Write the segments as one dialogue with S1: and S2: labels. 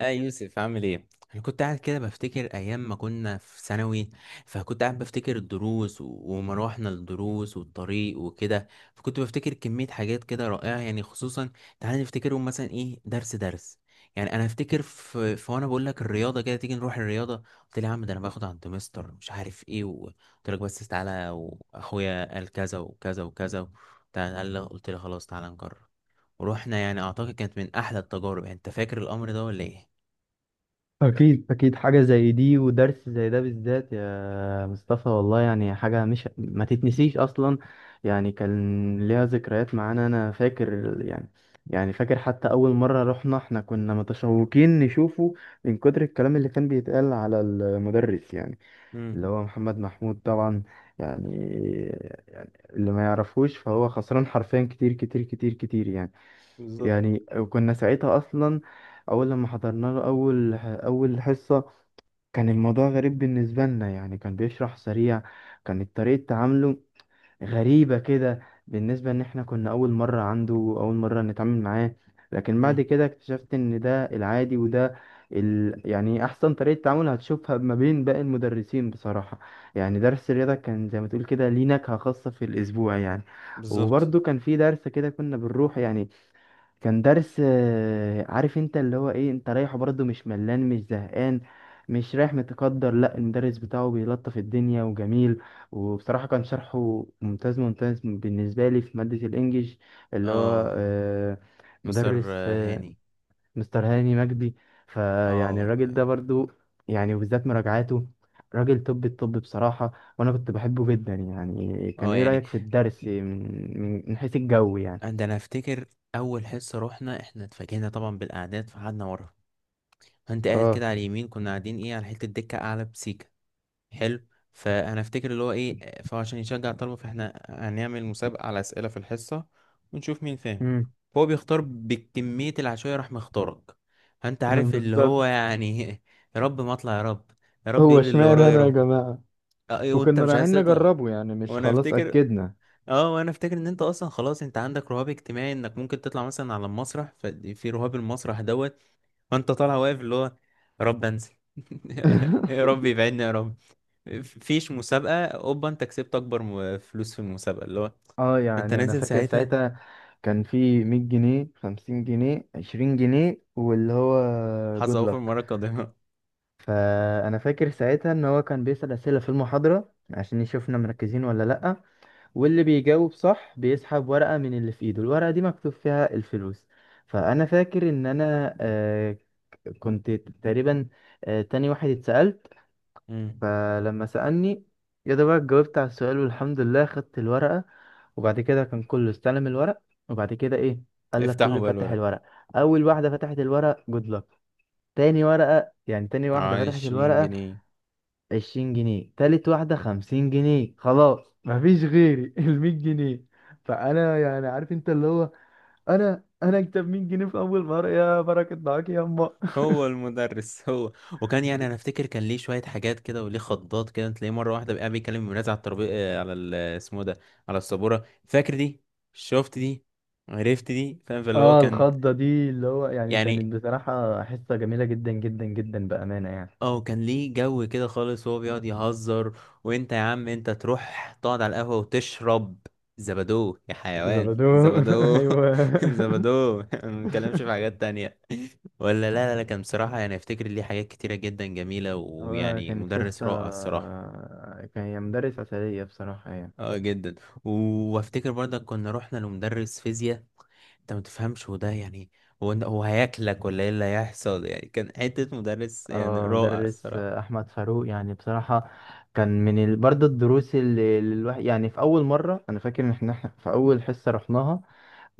S1: اه يوسف عامل ايه؟ انا كنت قاعد كده بفتكر ايام ما كنا في ثانوي. فكنت قاعد بفتكر الدروس وما روحنا الدروس والطريق وكده. فكنت بفتكر كمية حاجات كده رائعة، يعني خصوصا تعالى نفتكرهم. مثلا ايه؟ درس يعني. انا افتكر في وانا بقول لك الرياضة، كده تيجي نروح الرياضة. قلت لي يا عم ده انا باخد على الدمستر مش عارف ايه قلت لك بس تعالى، واخويا قال كذا وكذا وكذا. تعالى قلت لي خلاص تعالى نجرب. ورحنا، يعني اعتقد كانت من احلى التجارب. يعني انت فاكر الامر ده ولا ايه؟
S2: أكيد أكيد، حاجة زي دي ودرس زي ده بالذات يا مصطفى والله يعني حاجة مش ما تتنسيش أصلا. يعني كان ليها ذكريات معانا أنا فاكر يعني. يعني فاكر حتى أول مرة رحنا، احنا كنا متشوقين نشوفه من كتر الكلام اللي كان بيتقال على المدرس، يعني
S1: امم
S2: اللي هو محمد محمود طبعا. يعني يعني اللي ما يعرفوش فهو خسران حرفيا، كتير كتير كتير كتير يعني.
S1: بالظبط.
S2: يعني كنا ساعتها اصلا اول لما حضرنا له اول حصة، كان الموضوع غريب بالنسبة لنا يعني، كان بيشرح سريع. كانت طريقة تعامله غريبة كده، بالنسبة ان احنا كنا اول مرة عنده، اول مرة نتعامل معاه. لكن بعد
S1: امم
S2: كده اكتشفت ان ده العادي، يعني احسن طريقة تعامل هتشوفها ما بين باقي المدرسين بصراحة. يعني درس الرياضة كان زي ما تقول كده، ليه نكهة خاصة في الاسبوع يعني.
S1: بالظبط.
S2: وبرضه كان في درس كده كنا بنروح يعني، كان درس عارف انت اللي هو ايه، انت رايحه برضه مش ملان مش زهقان، مش رايح متقدر، لا المدرس بتاعه بيلطف الدنيا وجميل. وبصراحة كان شرحه ممتاز ممتاز بالنسبة لي في مادة الانجليش، اللي هو
S1: اه
S2: آه،
S1: مستر
S2: مدرس
S1: هاني.
S2: مستر هاني مجدي. فيعني
S1: اه.
S2: الراجل ده برضه يعني، وبالذات مراجعاته، راجل طب الطب بصراحة. وانا كنت بحبه جدا يعني. كان
S1: اه
S2: ايه
S1: يعني
S2: رأيك في الدرس من حيث الجو يعني؟
S1: ده انا افتكر اول حصه رحنا، احنا اتفاجئنا طبعا بالاعداد فقعدنا ورا. فانت قاعد
S2: اه
S1: كده على اليمين، كنا قاعدين ايه على حته دكه اعلى بسيكه. حلو. فانا افتكر اللي هو ايه، فعشان يشجع الطلبه فاحنا هنعمل مسابقه على اسئله في الحصه ونشوف مين فاهم.
S2: امم
S1: فهو بيختار بكميه العشوائيه، راح مختارك. فانت عارف اللي هو
S2: بالظبط.
S1: يعني يا رب ما اطلع يا رب، يا رب
S2: هو
S1: يقول اللي
S2: اشمعنى
S1: ورايا يا
S2: انا يا
S1: رب.
S2: جماعة؟
S1: اه إيه، وانت
S2: وكنا
S1: مش عايز
S2: رايحين
S1: تطلع.
S2: نجربه يعني، مش
S1: وانا
S2: خلاص
S1: افتكر،
S2: اكدنا.
S1: اه وانا افتكر ان انت اصلا خلاص انت عندك رهاب اجتماعي، انك ممكن تطلع مثلا على المسرح ففي رهاب المسرح دوت. فانت طالع واقف اللي هو يا رب انزل يا رب يبعدني يا رب. فيش مسابقة، اوبا انت كسبت اكبر فلوس في المسابقة اللي هو
S2: اه
S1: انت
S2: يعني انا
S1: نازل
S2: فاكر
S1: ساعتها،
S2: ساعتها كان في 100 جنيه 50 جنيه 20 جنيه واللي هو
S1: حظ
S2: جود
S1: اوفر
S2: لك.
S1: المرة القادمة.
S2: فانا فاكر ساعتها ان هو كان بيسأل اسئلة في المحاضرة عشان يشوفنا مركزين ولا لأ، واللي بيجاوب صح بيسحب ورقة من اللي في ايده، الورقة دي مكتوب فيها الفلوس. فانا فاكر ان انا كنت تقريبا تاني واحد اتسألت.
S1: مم.
S2: فلما سألني، يا ده بقى، جاوبت على السؤال والحمد لله خدت الورقة. وبعد كده كان كله استلم الورق. وبعد كده ايه، قال لك
S1: افتحوا
S2: كله
S1: بقى
S2: فتح
S1: الورق.
S2: الورق. اول واحدة فتحت الورق جود لك، تاني ورقة يعني تاني واحدة فتحت
S1: عشرين
S2: الورقة،
S1: جنيه.
S2: عشرين جنيه، تالت واحدة خمسين جنيه، خلاص مفيش غيري المية جنيه. فأنا يعني عارف انت اللي هو، انا اكتب 100 جنيه في اول مرة، يا بركة معاك يا أمه.
S1: هو المدرس هو. وكان يعني انا افتكر كان ليه شويه حاجات كده وليه خضات كده، تلاقيه مره واحده بقى بيكلم الولاد على الترابيزه، على اسمه إيه ده، على السبوره. فاكر دي؟ شفت دي؟ عرفت دي؟ فاهم؟ فاللي هو
S2: اه
S1: كان
S2: الخضة دي اللي هو يعني
S1: يعني
S2: كانت بصراحة حصة جميلة جدا جدا جدا بأمانة يعني.
S1: اه كان ليه جو كده خالص، وهو بيقعد يهزر وانت يا عم انت تروح تقعد على القهوة وتشرب زبادو يا حيوان
S2: زبدو
S1: زبادو
S2: ايوه.
S1: زبادو ما بنتكلمش في حاجات تانية. ولا لا لا لا، كان بصراحة يعني افتكر ليه حاجات كتيرة جدا جميلة،
S2: هو
S1: ويعني
S2: كانت
S1: مدرس
S2: حصة،
S1: رائع الصراحة.
S2: كان هي مدرس عسلية بصراحة يعني.
S1: اه جدا. وافتكر برضك كنا رحنا لمدرس فيزياء، انت ما تفهمش وده يعني هو هياكلك ولا ايه اللي هيحصل، يعني كان حتة مدرس يعني
S2: اه
S1: رائع
S2: مدرس
S1: الصراحة.
S2: أحمد فاروق يعني بصراحة، برضه الدروس اللي الواحد يعني، في أول مرة أنا فاكر إن إحنا في أول حصة رحناها،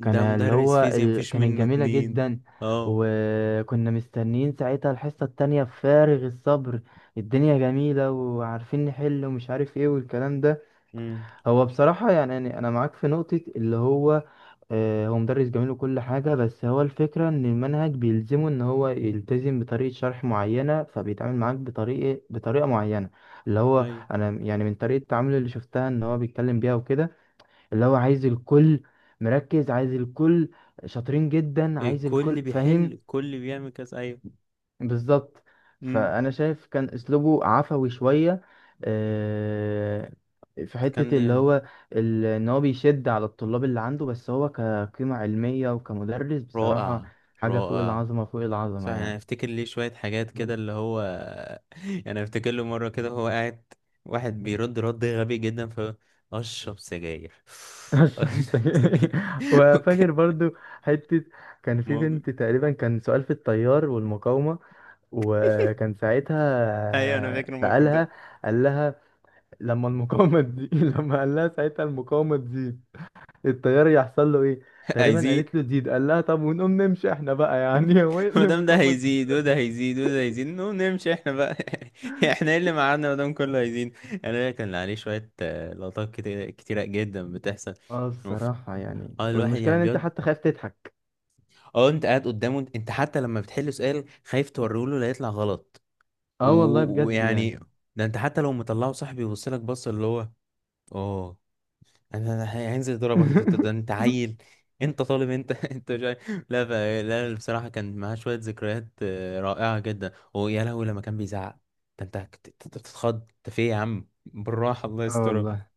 S1: مدرس فيزياء مفيش
S2: كانت
S1: منه
S2: جميلة
S1: اتنين.
S2: جدا.
S1: اه.
S2: وكنا مستنيين ساعتها الحصة التانية بفارغ الصبر، الدنيا جميلة وعارفين نحل ومش عارف ايه والكلام ده.
S1: امم
S2: هو بصراحة يعني أنا معاك في نقطة اللي هو، آه، هو مدرس جميل وكل حاجة، بس هو الفكرة إن المنهج بيلزمه إن هو يلتزم بطريقة شرح معينة، فبيتعامل معاك بطريقة معينة. اللي هو
S1: ايوه.
S2: أنا يعني من طريقة تعامله اللي شفتها إن هو بيتكلم بيها وكده، اللي هو عايز الكل مركز، عايز الكل شاطرين جدا، عايز
S1: الكل
S2: الكل
S1: بيحل
S2: فاهم.
S1: الكل بيعمل كذا، ايوه.
S2: بالظبط.
S1: امم.
S2: فأنا شايف كان أسلوبه عفوي شوية، آه، في
S1: فكان
S2: حتة اللي
S1: يعني
S2: هو إن هو بيشد على الطلاب اللي عنده. بس هو كقيمة علمية وكمدرس بصراحة
S1: رائع
S2: حاجة فوق
S1: رائع.
S2: العظمة فوق
S1: صح
S2: العظمة
S1: انا
S2: يعني.
S1: افتكر ليه شوية حاجات كده اللي هو يعني افتكر له مرة كده هو قاعد، واحد بيرد رد غبي جدا، ف اشرب سجاير.
S2: بس وفاكر برضو حتة، كان في
S1: موجود.
S2: بنت تقريبا، كان سؤال في التيار والمقاومة، وكان
S1: ايوه انا
S2: ساعتها
S1: فاكر الموقف
S2: سألها،
S1: ده.
S2: قال لها لما المقاومة دي لما قال لها ساعتها المقاومة دي التيار يحصل له ايه، تقريبا
S1: عايزين.
S2: قالت له تزيد، قال لها طب ونقوم نمشي احنا بقى يعني هو ايه
S1: ما
S2: اللي
S1: دام ده
S2: المقاومة دي؟
S1: هيزيد وده هيزيد وده هيزيد، نو نمشي احنا بقى. احنا ايه اللي معانا ما دام كله هيزيد؟ يعني انا كان عليه شويه لقطات كتير كتيره جدا بتحصل.
S2: اه
S1: اوف.
S2: الصراحة يعني،
S1: اه الواحد
S2: والمشكلة
S1: يعني
S2: ان انت
S1: بيقعد،
S2: حتى خايف تضحك.
S1: اه انت قاعد قدامه، انت حتى لما بتحل سؤال خايف توريهوله لا يطلع غلط.
S2: اه والله بجد يعني.
S1: ويعني ده انت حتى لو مطلعه صح بيبص لك بص اللي هو اه. أنا هينزل يضربك انت، ده انت عيل انت طالب انت انت مش عارف. لا ف... لا بصراحه كان معاه شويه ذكريات رائعه جدا. ويا لهوي لما كان بيزعق، ده انت كنت بتتخض. انت في إيه يا عم بالراحه؟ الله
S2: اه
S1: يسترها.
S2: والله،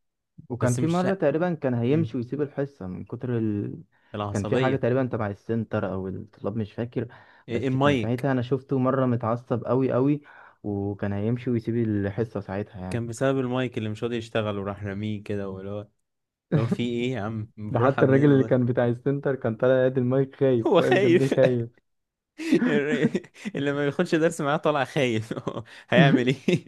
S2: وكان
S1: بس
S2: في
S1: مش،
S2: مرة تقريبا كان
S1: امم
S2: هيمشي ويسيب الحصة كان في حاجة
S1: العصبيه.
S2: تقريبا تبع السنتر أو الطلاب مش فاكر، بس كان
S1: المايك.
S2: ساعتها أنا شفته مرة متعصب أوي أوي، وكان هيمشي ويسيب الحصة ساعتها يعني.
S1: كان بسبب المايك اللي مش راضي يشتغل وراح راميه كده، واللي هو اللي هو في ايه يا عم
S2: ده
S1: بالراحه؟
S2: حتى
S1: الله
S2: الراجل اللي
S1: ينور.
S2: كان بتاع السنتر كان طالع يد المايك خايف،
S1: هو
S2: واقف جنبيه
S1: خايف.
S2: خايف.
S1: اللي ما بياخدش درس معاه طالع خايف هيعمل ايه.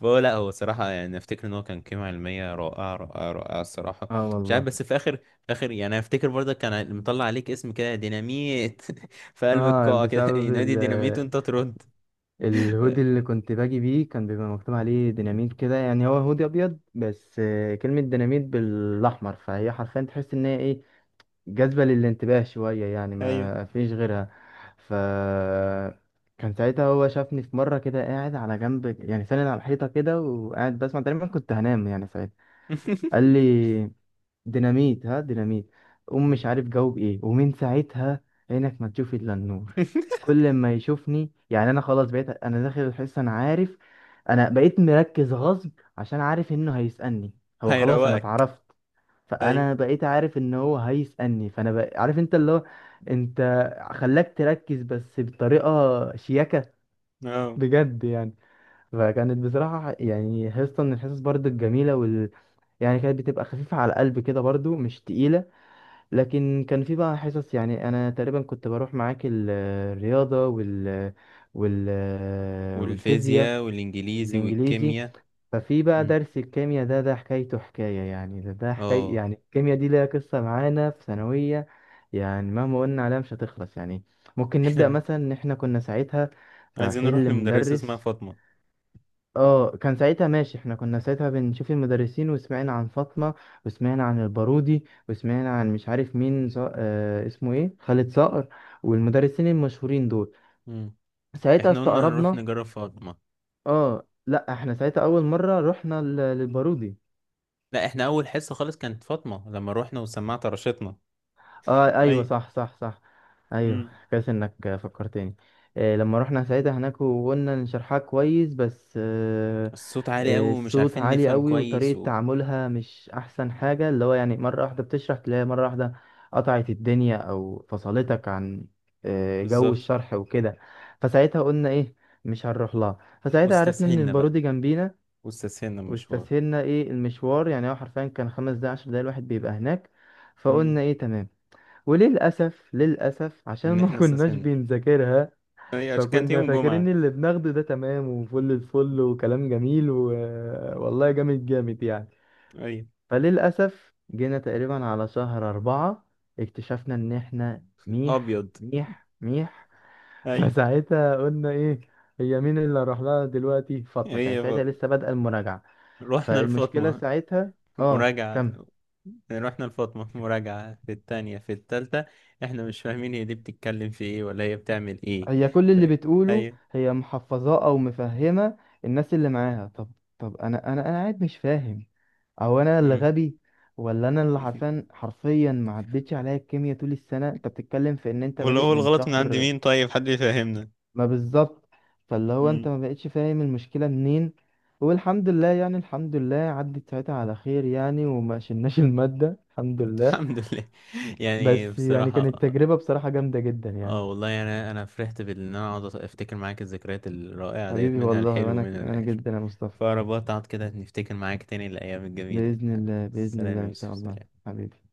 S1: فهو لا، هو صراحة يعني أفتكر إن هو كان قيمة علمية رائعة رائعة رائعة الصراحة.
S2: اه
S1: مش عارف
S2: والله.
S1: بس في آخر، آخر يعني أفتكر برضه كان مطلع عليك اسم كده ديناميت في قلب
S2: اه
S1: القاعة كده ينادي ديناميت وأنت ترد. ف-
S2: الهودي اللي كنت باجي بيه كان بيبقى مكتوب عليه ديناميت كده، يعني هو هودي أبيض بس كلمة ديناميت بالأحمر، فهي حرفيا تحس إن هي إيه، جذبة للانتباه شوية يعني
S1: أيوه.
S2: ما فيش غيرها. ف كان ساعتها هو شافني في مرة كده قاعد على جنب يعني ساند على الحيطة كده وقاعد بسمع، تقريبا كنت هنام يعني ساعتها. قال لي ديناميت، ها ديناميت، قوم. مش عارف جاوب ايه، ومن ساعتها عينك ما تشوف الا النور، كل ما يشوفني يعني انا خلاص بقيت انا داخل الحصة انا عارف، انا بقيت مركز غصب عشان عارف انه هيسألني، هو خلاص انا
S1: هيروقك.
S2: اتعرفت.
S1: أيوه.
S2: فانا بقيت عارف ان هو هيسألني، عارف انت اللي هو، انت خلاك تركز بس بطريقة شياكة
S1: أه
S2: بجد يعني. فكانت بصراحة يعني حصة من الحصص برضو الجميلة يعني كانت بتبقى خفيفة على القلب كده برضو مش تقيلة. لكن كان في بقى حصص يعني، أنا تقريبا كنت بروح معاك الرياضة وال... والفيزياء
S1: والفيزياء والإنجليزي
S2: والإنجليزي.
S1: والكيمياء.
S2: ففي بقى
S1: مم.
S2: درس الكيمياء ده، ده حكايته حكاية يعني، ده حكاية
S1: أه.
S2: يعني، الكيمياء دي ليها قصة معانا في ثانوية. يعني مهما قلنا عليها مش هتخلص يعني. ممكن نبدأ
S1: إحنا
S2: مثلا إن إحنا كنا ساعتها
S1: عايزين
S2: رايحين
S1: نروح لمدرسة اسمها
S2: لمدرس.
S1: فاطمة.
S2: اه كان ساعتها ماشي، احنا كنا ساعتها بنشوف المدرسين، وسمعنا عن فاطمة وسمعنا عن البارودي وسمعنا عن مش عارف مين، ص... آه اسمه ايه، خالد صقر، والمدرسين المشهورين دول.
S1: مم.
S2: ساعتها
S1: إحنا قلنا هنروح
S2: استقربنا.
S1: نجرب فاطمة.
S2: اه لا احنا ساعتها اول مرة رحنا للبارودي.
S1: لا احنا اول حصه خالص كانت فاطمه، لما روحنا وسمعت رشتنا.
S2: اه
S1: اي.
S2: ايوه صح صح صح، ايوه
S1: امم.
S2: كويس انك فكرتني. إيه لما رحنا ساعتها هناك وقلنا إن شرحها كويس، بس
S1: الصوت عالي قوي ومش
S2: الصوت
S1: عارفين
S2: عالي
S1: نفهم
S2: قوي،
S1: كويس
S2: وطريقة
S1: و...
S2: تعاملها مش احسن حاجة اللي هو يعني، مرة واحدة بتشرح تلاقيها مرة واحدة قطعت الدنيا او فصلتك عن جو
S1: بالظبط.
S2: الشرح وكده. فساعتها قلنا ايه، مش هنروح لها. فساعتها عرفنا ان
S1: واستسهلنا بقى،
S2: البارودي جنبينا،
S1: واستسهلنا المشوار.
S2: واستسهلنا ايه المشوار، يعني هو حرفيا كان خمس دقايق عشر دقايق الواحد بيبقى هناك،
S1: امم.
S2: فقلنا ايه تمام. وللأسف للأسف عشان
S1: ان
S2: ما
S1: احنا
S2: كناش
S1: استسهلنا،
S2: بنذاكرها،
S1: اي عشان كانت
S2: فكنا
S1: يوم
S2: فاكرين
S1: جمعة.
S2: اللي بناخده ده تمام وفل الفل وكلام جميل والله جامد جامد يعني.
S1: اي.
S2: فللأسف جينا تقريبا على شهر أربعة، اكتشفنا إن إحنا ميح
S1: ابيض.
S2: ميح ميح
S1: اي.
S2: فساعتها قلنا إيه، هي مين اللي هروح لها دلوقتي؟ فاطمة
S1: ايه
S2: كانت
S1: يا
S2: ساعتها
S1: فاطمة؟
S2: لسه بادئة المراجعة.
S1: رحنا
S2: فالمشكلة
S1: لفاطمة.
S2: ساعتها، آه
S1: مراجعة.
S2: كمل،
S1: رحنا لفاطمة مراجعة في التانية في التالتة، احنا مش فاهمين هي دي بتتكلم في ايه ولا هي بتعمل ايه.
S2: هي كل
S1: ف...
S2: اللي بتقوله
S1: اي.
S2: هي محفظاه او مفهمه الناس اللي معاها. طب طب انا قاعد مش فاهم، او انا اللي
S1: امم.
S2: غبي، ولا انا اللي حرفيا حرفيا ما عدتش عليا الكيمياء طول السنه، انت بتتكلم في ان انت
S1: ولا
S2: بادئ
S1: هو
S2: من
S1: الغلط من عند
S2: شهر.
S1: مين؟ طيب حد يفهمنا.
S2: ما بالظبط. فاللي هو انت ما بقتش فاهم المشكله منين، والحمد لله يعني الحمد لله عدت ساعتها على خير يعني وما شلناش الماده الحمد لله.
S1: الحمد لله يعني
S2: بس يعني
S1: بصراحة.
S2: كانت تجربه بصراحه جامده جدا
S1: اه
S2: يعني.
S1: والله يعني انا فرحت بان انا اقعد افتكر معاك الذكريات الرائعة ديت،
S2: حبيبي
S1: منها
S2: والله،
S1: الحلو
S2: وانا
S1: ومنها
S2: انا
S1: الوحش.
S2: جدا يا مصطفى.
S1: فأنا بقعد كده نفتكر معاك تاني الأيام الجميلة دي.
S2: بإذن
S1: حبيبي
S2: الله بإذن
S1: سلام
S2: الله
S1: يا
S2: إن شاء
S1: يوسف،
S2: الله
S1: سلام.
S2: حبيبي.